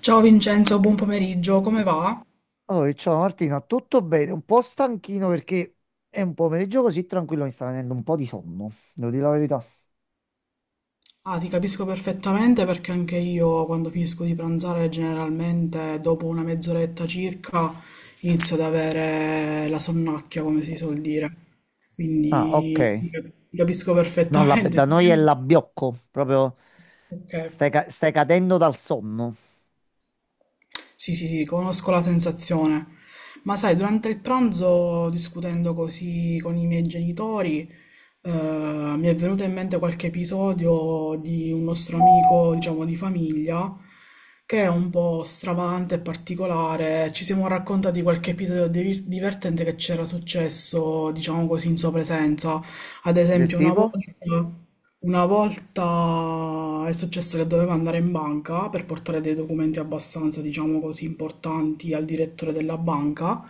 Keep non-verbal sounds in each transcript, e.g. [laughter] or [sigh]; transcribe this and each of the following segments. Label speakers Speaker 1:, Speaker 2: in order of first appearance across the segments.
Speaker 1: Ciao Vincenzo, buon pomeriggio, come va?
Speaker 2: Oh, ciao Martina, tutto bene? Un po' stanchino perché è un pomeriggio così tranquillo, mi sta venendo un po' di sonno, devo dire la verità.
Speaker 1: Ah, ti capisco perfettamente perché anche io quando finisco di pranzare generalmente dopo una mezz'oretta circa inizio ad avere la sonnacchia, come si suol dire.
Speaker 2: Ah, ok.
Speaker 1: Quindi ti capisco
Speaker 2: No,
Speaker 1: perfettamente.
Speaker 2: da noi è
Speaker 1: [laughs]
Speaker 2: l'abbiocco, proprio
Speaker 1: Ok.
Speaker 2: stai, stai cadendo dal sonno.
Speaker 1: Sì, sì, sì, conosco la sensazione. Ma sai, durante il pranzo, discutendo così con i miei genitori, mi è venuto in mente qualche episodio di un nostro amico, diciamo, di famiglia, che è un po' stravagante e particolare. Ci siamo raccontati qualche episodio divertente che c'era successo, diciamo così, in sua presenza. Ad
Speaker 2: Del
Speaker 1: esempio, una volta.
Speaker 2: tipo?
Speaker 1: Una volta è successo che dovevo andare in banca per portare dei documenti abbastanza, diciamo così, importanti al direttore della banca.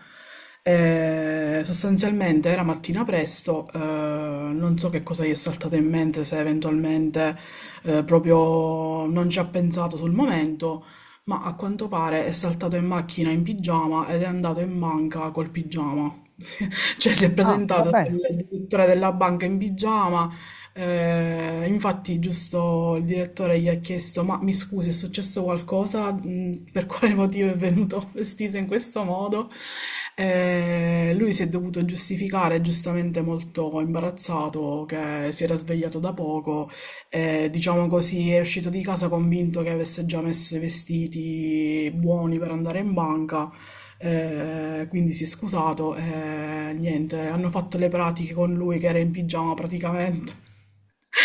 Speaker 1: Sostanzialmente era mattina presto, non so che cosa gli è saltato in mente, se eventualmente proprio non ci ha pensato sul momento, ma a quanto pare è saltato in macchina in pigiama ed è andato in banca col pigiama. [laughs] Cioè si è
Speaker 2: Ah, va
Speaker 1: presentato
Speaker 2: bene.
Speaker 1: il direttore della banca in pigiama infatti, giusto il direttore gli ha chiesto: Ma mi scusi, è successo qualcosa? Mm, per quale motivo è venuto [laughs] vestito in questo modo? Lui si è dovuto giustificare, giustamente molto imbarazzato, che si era svegliato da poco. Diciamo così, è uscito di casa convinto che avesse già messo i vestiti buoni per andare in banca. Quindi si è scusato e niente, hanno fatto le pratiche con lui che era in pigiama praticamente.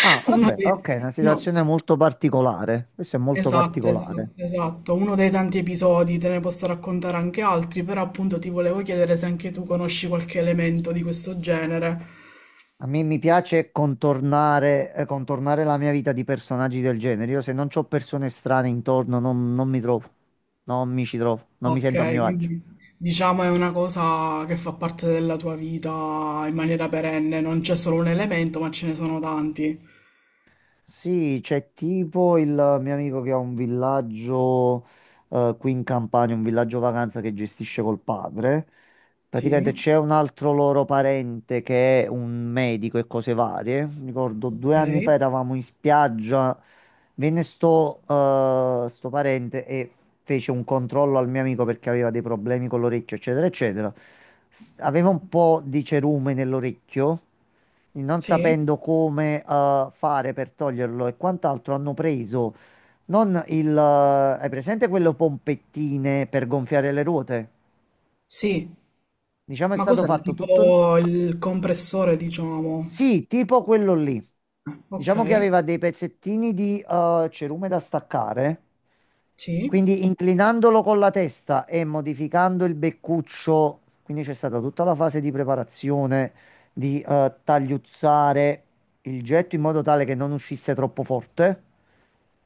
Speaker 2: Ah, va
Speaker 1: Uno
Speaker 2: bene,
Speaker 1: dei,
Speaker 2: ok, una
Speaker 1: no,
Speaker 2: situazione molto particolare. Questo è molto
Speaker 1: esatto,
Speaker 2: particolare.
Speaker 1: esatto, esatto, uno dei tanti episodi, te ne posso raccontare anche altri, però appunto ti volevo chiedere se anche tu conosci qualche elemento di questo genere.
Speaker 2: A me mi piace contornare, contornare la mia vita di personaggi del genere. Io se non ho persone strane intorno non mi trovo, non mi ci trovo, non mi sento a
Speaker 1: Ok,
Speaker 2: mio agio.
Speaker 1: quindi diciamo è una cosa che fa parte della tua vita in maniera perenne, non c'è solo un elemento, ma ce ne sono tanti.
Speaker 2: Sì, c'è tipo il mio amico che ha un villaggio qui in Campania, un villaggio vacanza che gestisce col padre.
Speaker 1: Sì,
Speaker 2: Praticamente c'è un altro loro parente che è un medico e cose varie. Mi ricordo 2 anni fa
Speaker 1: ok,
Speaker 2: eravamo in spiaggia, venne sto parente e fece un controllo al mio amico perché aveva dei problemi con l'orecchio, eccetera, eccetera. Aveva un po' di cerume nell'orecchio, non
Speaker 1: sì,
Speaker 2: sapendo come, fare per toglierlo e quant'altro, hanno preso non il... hai presente quelle pompettine per gonfiare le ruote?
Speaker 1: sì,
Speaker 2: Diciamo è
Speaker 1: ma
Speaker 2: stato
Speaker 1: cos'è?
Speaker 2: fatto tutto.
Speaker 1: Tipo il compressore, diciamo.
Speaker 2: Sì, tipo quello lì.
Speaker 1: Ok,
Speaker 2: Diciamo che aveva dei pezzettini di cerume da staccare,
Speaker 1: sì.
Speaker 2: quindi inclinandolo con la testa e modificando il beccuccio, quindi c'è stata tutta la fase di preparazione, di tagliuzzare il getto in modo tale che non uscisse troppo forte.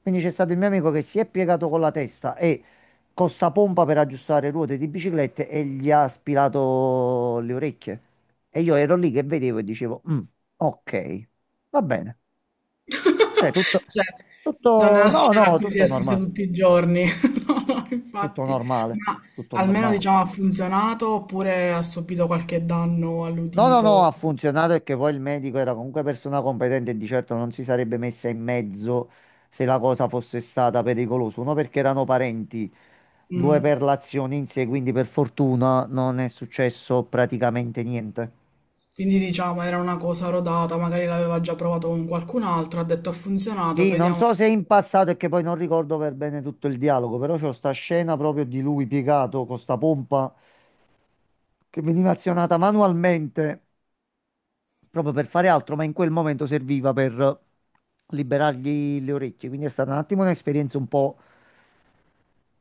Speaker 2: Quindi c'è stato il mio amico che si è piegato con la testa e con sta pompa per aggiustare ruote di biciclette e gli ha aspirato le orecchie. E io ero lì che vedevo e dicevo, "Mm, ok, va bene. Cioè,
Speaker 1: [laughs] Cioè, non è una
Speaker 2: no,
Speaker 1: scena a
Speaker 2: no,
Speaker 1: cui si
Speaker 2: tutto
Speaker 1: assiste
Speaker 2: normale,
Speaker 1: tutti i giorni. [laughs] No, no,
Speaker 2: tutto
Speaker 1: infatti.
Speaker 2: normale,
Speaker 1: Ma
Speaker 2: tutto
Speaker 1: almeno
Speaker 2: normale.
Speaker 1: diciamo ha funzionato oppure ha subito qualche danno
Speaker 2: No, no, no, ha
Speaker 1: all'udito.
Speaker 2: funzionato e che poi il medico era comunque persona competente e di certo non si sarebbe messa in mezzo se la cosa fosse stata pericolosa. Uno perché erano parenti, due
Speaker 1: Mm.
Speaker 2: per l'azione in sé, quindi per fortuna non è successo praticamente niente.
Speaker 1: Quindi diciamo era una cosa rodata, magari l'aveva già provato con qualcun altro, ha detto ha funzionato,
Speaker 2: Sì, non
Speaker 1: vediamo.
Speaker 2: so se in passato è che poi non ricordo per bene tutto il dialogo, però c'ho sta scena proprio di lui piegato con sta pompa che veniva azionata manualmente proprio per fare altro, ma in quel momento serviva per liberargli le orecchie. Quindi è stata un attimo un'esperienza un po'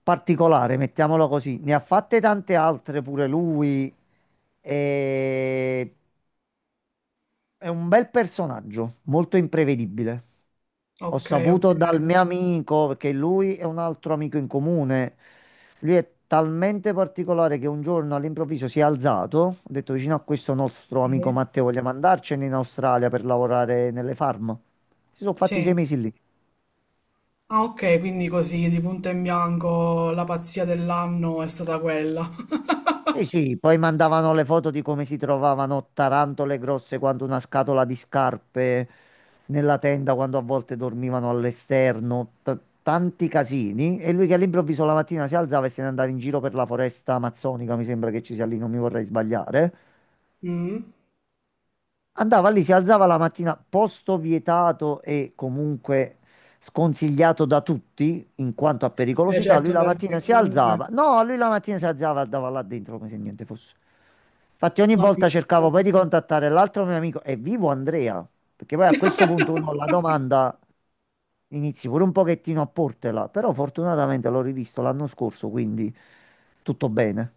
Speaker 2: particolare, mettiamola così. Ne ha fatte tante altre pure lui. E... è un bel personaggio, molto imprevedibile. Ho
Speaker 1: Ok, ok.
Speaker 2: saputo dal mio amico, perché lui è un altro amico in comune. Lui è talmente particolare che un giorno all'improvviso si è alzato, ha detto vicino a questo nostro amico
Speaker 1: Sì.
Speaker 2: Matteo, vogliamo andarcene in Australia per lavorare nelle farm. Si sono fatti
Speaker 1: Sì.
Speaker 2: 6 mesi lì.
Speaker 1: Ah, ok, quindi così di punto in bianco la pazzia dell'anno è stata quella. [laughs]
Speaker 2: Sì, sì, poi mandavano le foto di come si trovavano tarantole grosse quanto una scatola di scarpe nella tenda quando a volte dormivano all'esterno, tanti casini. E lui che all'improvviso la mattina si alzava e se ne andava in giro per la foresta amazzonica, mi sembra che ci sia lì, non mi vorrei sbagliare.
Speaker 1: Mm.
Speaker 2: Andava lì, si alzava la mattina, posto vietato e comunque sconsigliato da tutti in quanto a
Speaker 1: Beh,
Speaker 2: pericolosità. Lui
Speaker 1: certo,
Speaker 2: la mattina
Speaker 1: perché
Speaker 2: si
Speaker 1: comunque
Speaker 2: alzava, no, lui la mattina si alzava e andava là dentro come se niente fosse. Infatti, ogni
Speaker 1: non mi.
Speaker 2: volta cercavo poi di contattare l'altro mio amico, è vivo Andrea? Perché poi a questo punto uno la domanda inizi pure un pochettino a portela, però fortunatamente l'ho rivisto l'anno scorso, quindi tutto bene.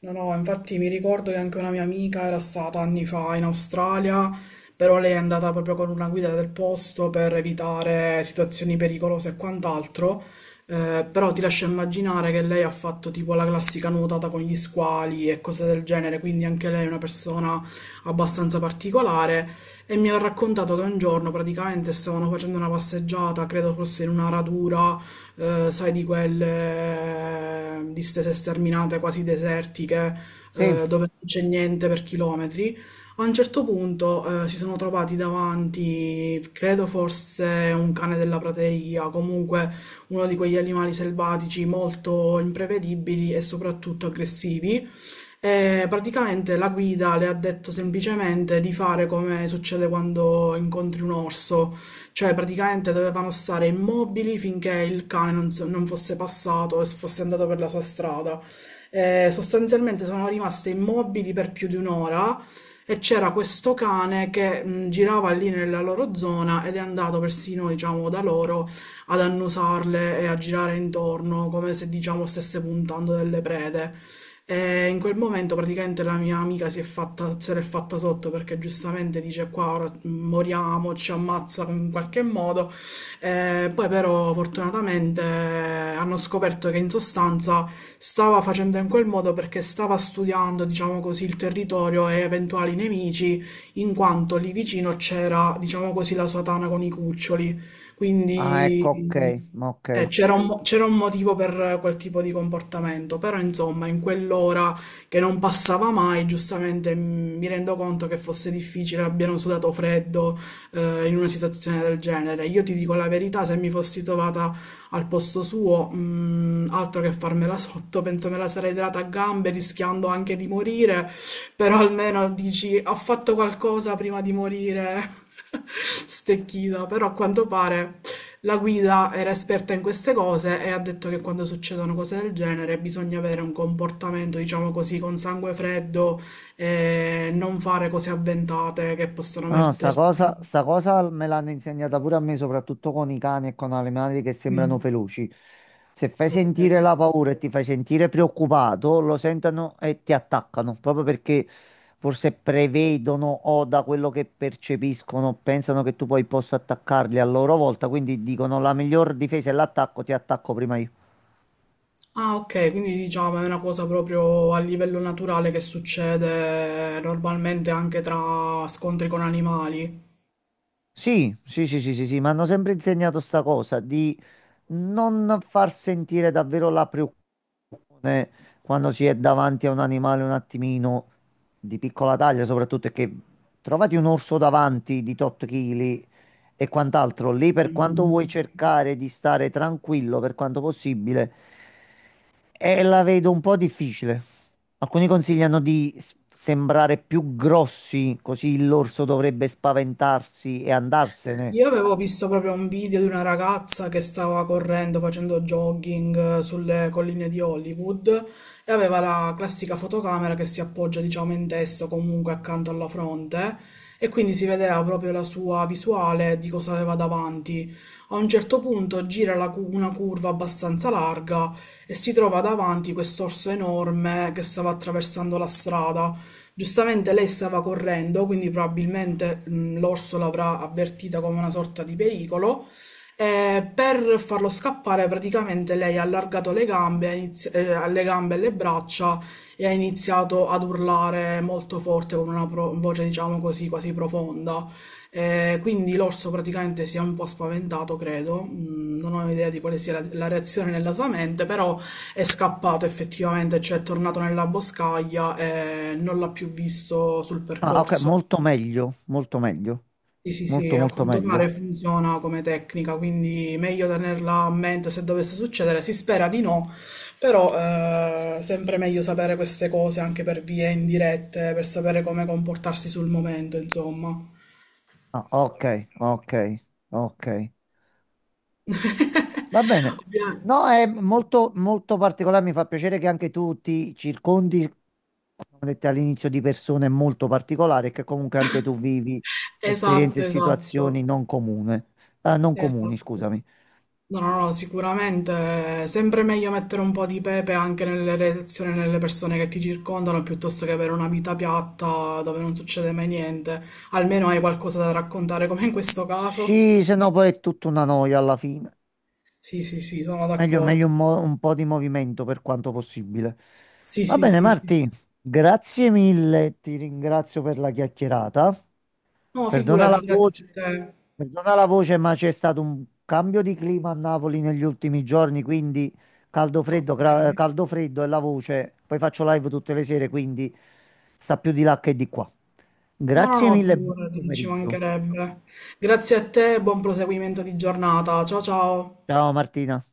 Speaker 1: No, no, infatti mi ricordo che anche una mia amica era stata anni fa in Australia, però lei è andata proprio con una guida del posto per evitare situazioni pericolose e quant'altro. Però ti lascio immaginare che lei ha fatto tipo la classica nuotata con gli squali e cose del genere, quindi anche lei è una persona abbastanza particolare e mi ha raccontato che un giorno praticamente stavano facendo una passeggiata, credo fosse in una radura sai, di quelle distese sterminate quasi desertiche,
Speaker 2: Sì,
Speaker 1: dove non c'è niente per chilometri. A un certo punto si sono trovati davanti, credo forse un cane della prateria, comunque uno di quegli animali selvatici molto imprevedibili e soprattutto aggressivi, e praticamente la guida le ha detto semplicemente di fare come succede quando incontri un orso, cioè praticamente dovevano stare immobili finché il cane non fosse passato e fosse andato per la sua strada. E sostanzialmente sono rimaste immobili per più di un'ora e c'era questo cane che girava lì nella loro zona ed è andato persino, diciamo, da loro ad annusarle e a girare intorno come se, diciamo, stesse puntando delle prede. E in quel momento praticamente la mia amica se l'è fatta sotto perché giustamente dice qua ora moriamo, ci ammazza in qualche modo. Poi però fortunatamente hanno scoperto che in sostanza stava facendo in quel modo perché stava studiando, diciamo così, il territorio e eventuali nemici, in quanto lì vicino c'era, diciamo così, la sua tana con i cuccioli.
Speaker 2: ah, ecco, ok,
Speaker 1: Quindi
Speaker 2: ma ok.
Speaker 1: c'era c'era un motivo per quel tipo di comportamento, però insomma, in quell'ora che non passava mai, giustamente mi rendo conto che fosse difficile, abbiano sudato freddo, in una situazione del genere. Io ti dico la verità, se mi fossi trovata al posto suo, altro che farmela [laughs] sotto, penso me la sarei data a gambe, rischiando anche di morire, però almeno dici, ho fatto qualcosa prima di morire. [laughs] Stecchita, però a quanto pare la guida era esperta in queste cose e ha detto che quando succedono cose del genere bisogna avere un comportamento, diciamo così, con sangue freddo e non fare cose avventate che possono
Speaker 2: No, no,
Speaker 1: metterti.
Speaker 2: sta cosa me l'hanno insegnata pure a me, soprattutto con i cani e con animali che sembrano
Speaker 1: Mm,
Speaker 2: feroci. Se fai
Speaker 1: ok.
Speaker 2: sentire la paura e ti fai sentire preoccupato, lo sentono e ti attaccano, proprio perché forse prevedono o da quello che percepiscono pensano che tu poi possa attaccarli a loro volta, quindi dicono la miglior difesa è l'attacco, ti attacco prima io.
Speaker 1: Ah, ok, quindi diciamo è una cosa proprio a livello naturale che succede normalmente anche tra scontri con animali.
Speaker 2: Sì, sì, sì, sì, sì, sì, mi hanno sempre insegnato sta cosa non far sentire davvero la preoccupazione quando si è davanti a un animale un attimino di piccola taglia, soprattutto è che trovati un orso davanti di tot chili e quant'altro, lì per quanto vuoi cercare di stare tranquillo per quanto possibile, e la vedo un po' difficile. Alcuni consigliano di sembrare più grossi, così l'orso dovrebbe spaventarsi e andarsene.
Speaker 1: Io avevo visto proprio un video di una ragazza che stava correndo, facendo jogging sulle colline di Hollywood e aveva la classica fotocamera che si appoggia, diciamo, in testa o comunque accanto alla fronte e quindi si vedeva proprio la sua visuale di cosa aveva davanti. A un certo punto una curva abbastanza larga e si trova davanti quest'orso enorme che stava attraversando la strada. Giustamente lei stava correndo, quindi probabilmente l'orso l'avrà avvertita come una sorta di pericolo. E per farlo scappare, praticamente lei ha allargato le gambe, le gambe e le braccia e ha iniziato ad urlare molto forte con una voce, diciamo così, quasi profonda. Quindi l'orso praticamente si è un po' spaventato, credo. Mm, non ho idea di quale sia la reazione nella sua mente, però è scappato effettivamente, cioè è tornato nella boscaglia e non l'ha più visto sul
Speaker 2: Ah, ok,
Speaker 1: percorso.
Speaker 2: molto meglio, molto meglio,
Speaker 1: Sì, sì, sì,
Speaker 2: molto
Speaker 1: a
Speaker 2: molto
Speaker 1: quanto
Speaker 2: meglio.
Speaker 1: pare funziona come tecnica, quindi meglio tenerla a mente se dovesse succedere. Si spera di no, però sempre meglio sapere queste cose anche per vie indirette, per sapere come comportarsi sul momento, insomma.
Speaker 2: Ah, ok, ok, ok. Va
Speaker 1: [laughs]
Speaker 2: bene.
Speaker 1: Ovvia-
Speaker 2: No, è molto molto particolare, mi fa piacere che anche tu ti circondi, come ho detto all'inizio, di persone molto particolari, e che comunque anche tu vivi esperienze e
Speaker 1: Esatto, esatto,
Speaker 2: situazioni non comune, non comuni,
Speaker 1: esatto.
Speaker 2: scusami.
Speaker 1: No, no, no, sicuramente è sempre meglio mettere un po' di pepe anche nelle relazioni, nelle persone che ti circondano, piuttosto che avere una vita piatta dove non succede mai niente. Almeno hai qualcosa da raccontare, come in questo caso.
Speaker 2: Sì, se no poi è tutta una noia alla fine.
Speaker 1: Sì, sì, sì, sono
Speaker 2: Meglio, meglio
Speaker 1: d'accordo.
Speaker 2: un po' di movimento per quanto possibile.
Speaker 1: Sì,
Speaker 2: Va
Speaker 1: sì,
Speaker 2: bene,
Speaker 1: sì, sì.
Speaker 2: Marti, grazie mille, ti ringrazio per la chiacchierata.
Speaker 1: No,
Speaker 2: Perdona
Speaker 1: figurati,
Speaker 2: la
Speaker 1: grazie a
Speaker 2: voce,
Speaker 1: te.
Speaker 2: perdona la voce, ma c'è stato un cambio di clima a Napoli negli ultimi giorni, quindi caldo freddo,
Speaker 1: Ok.
Speaker 2: caldo freddo e la voce. Poi faccio live tutte le sere, quindi sta più di là che di qua.
Speaker 1: No, no,
Speaker 2: Grazie
Speaker 1: no,
Speaker 2: mille, buon
Speaker 1: figurati, ci
Speaker 2: pomeriggio.
Speaker 1: mancherebbe. Grazie a te, buon proseguimento di giornata. Ciao, ciao.
Speaker 2: Ciao Martina.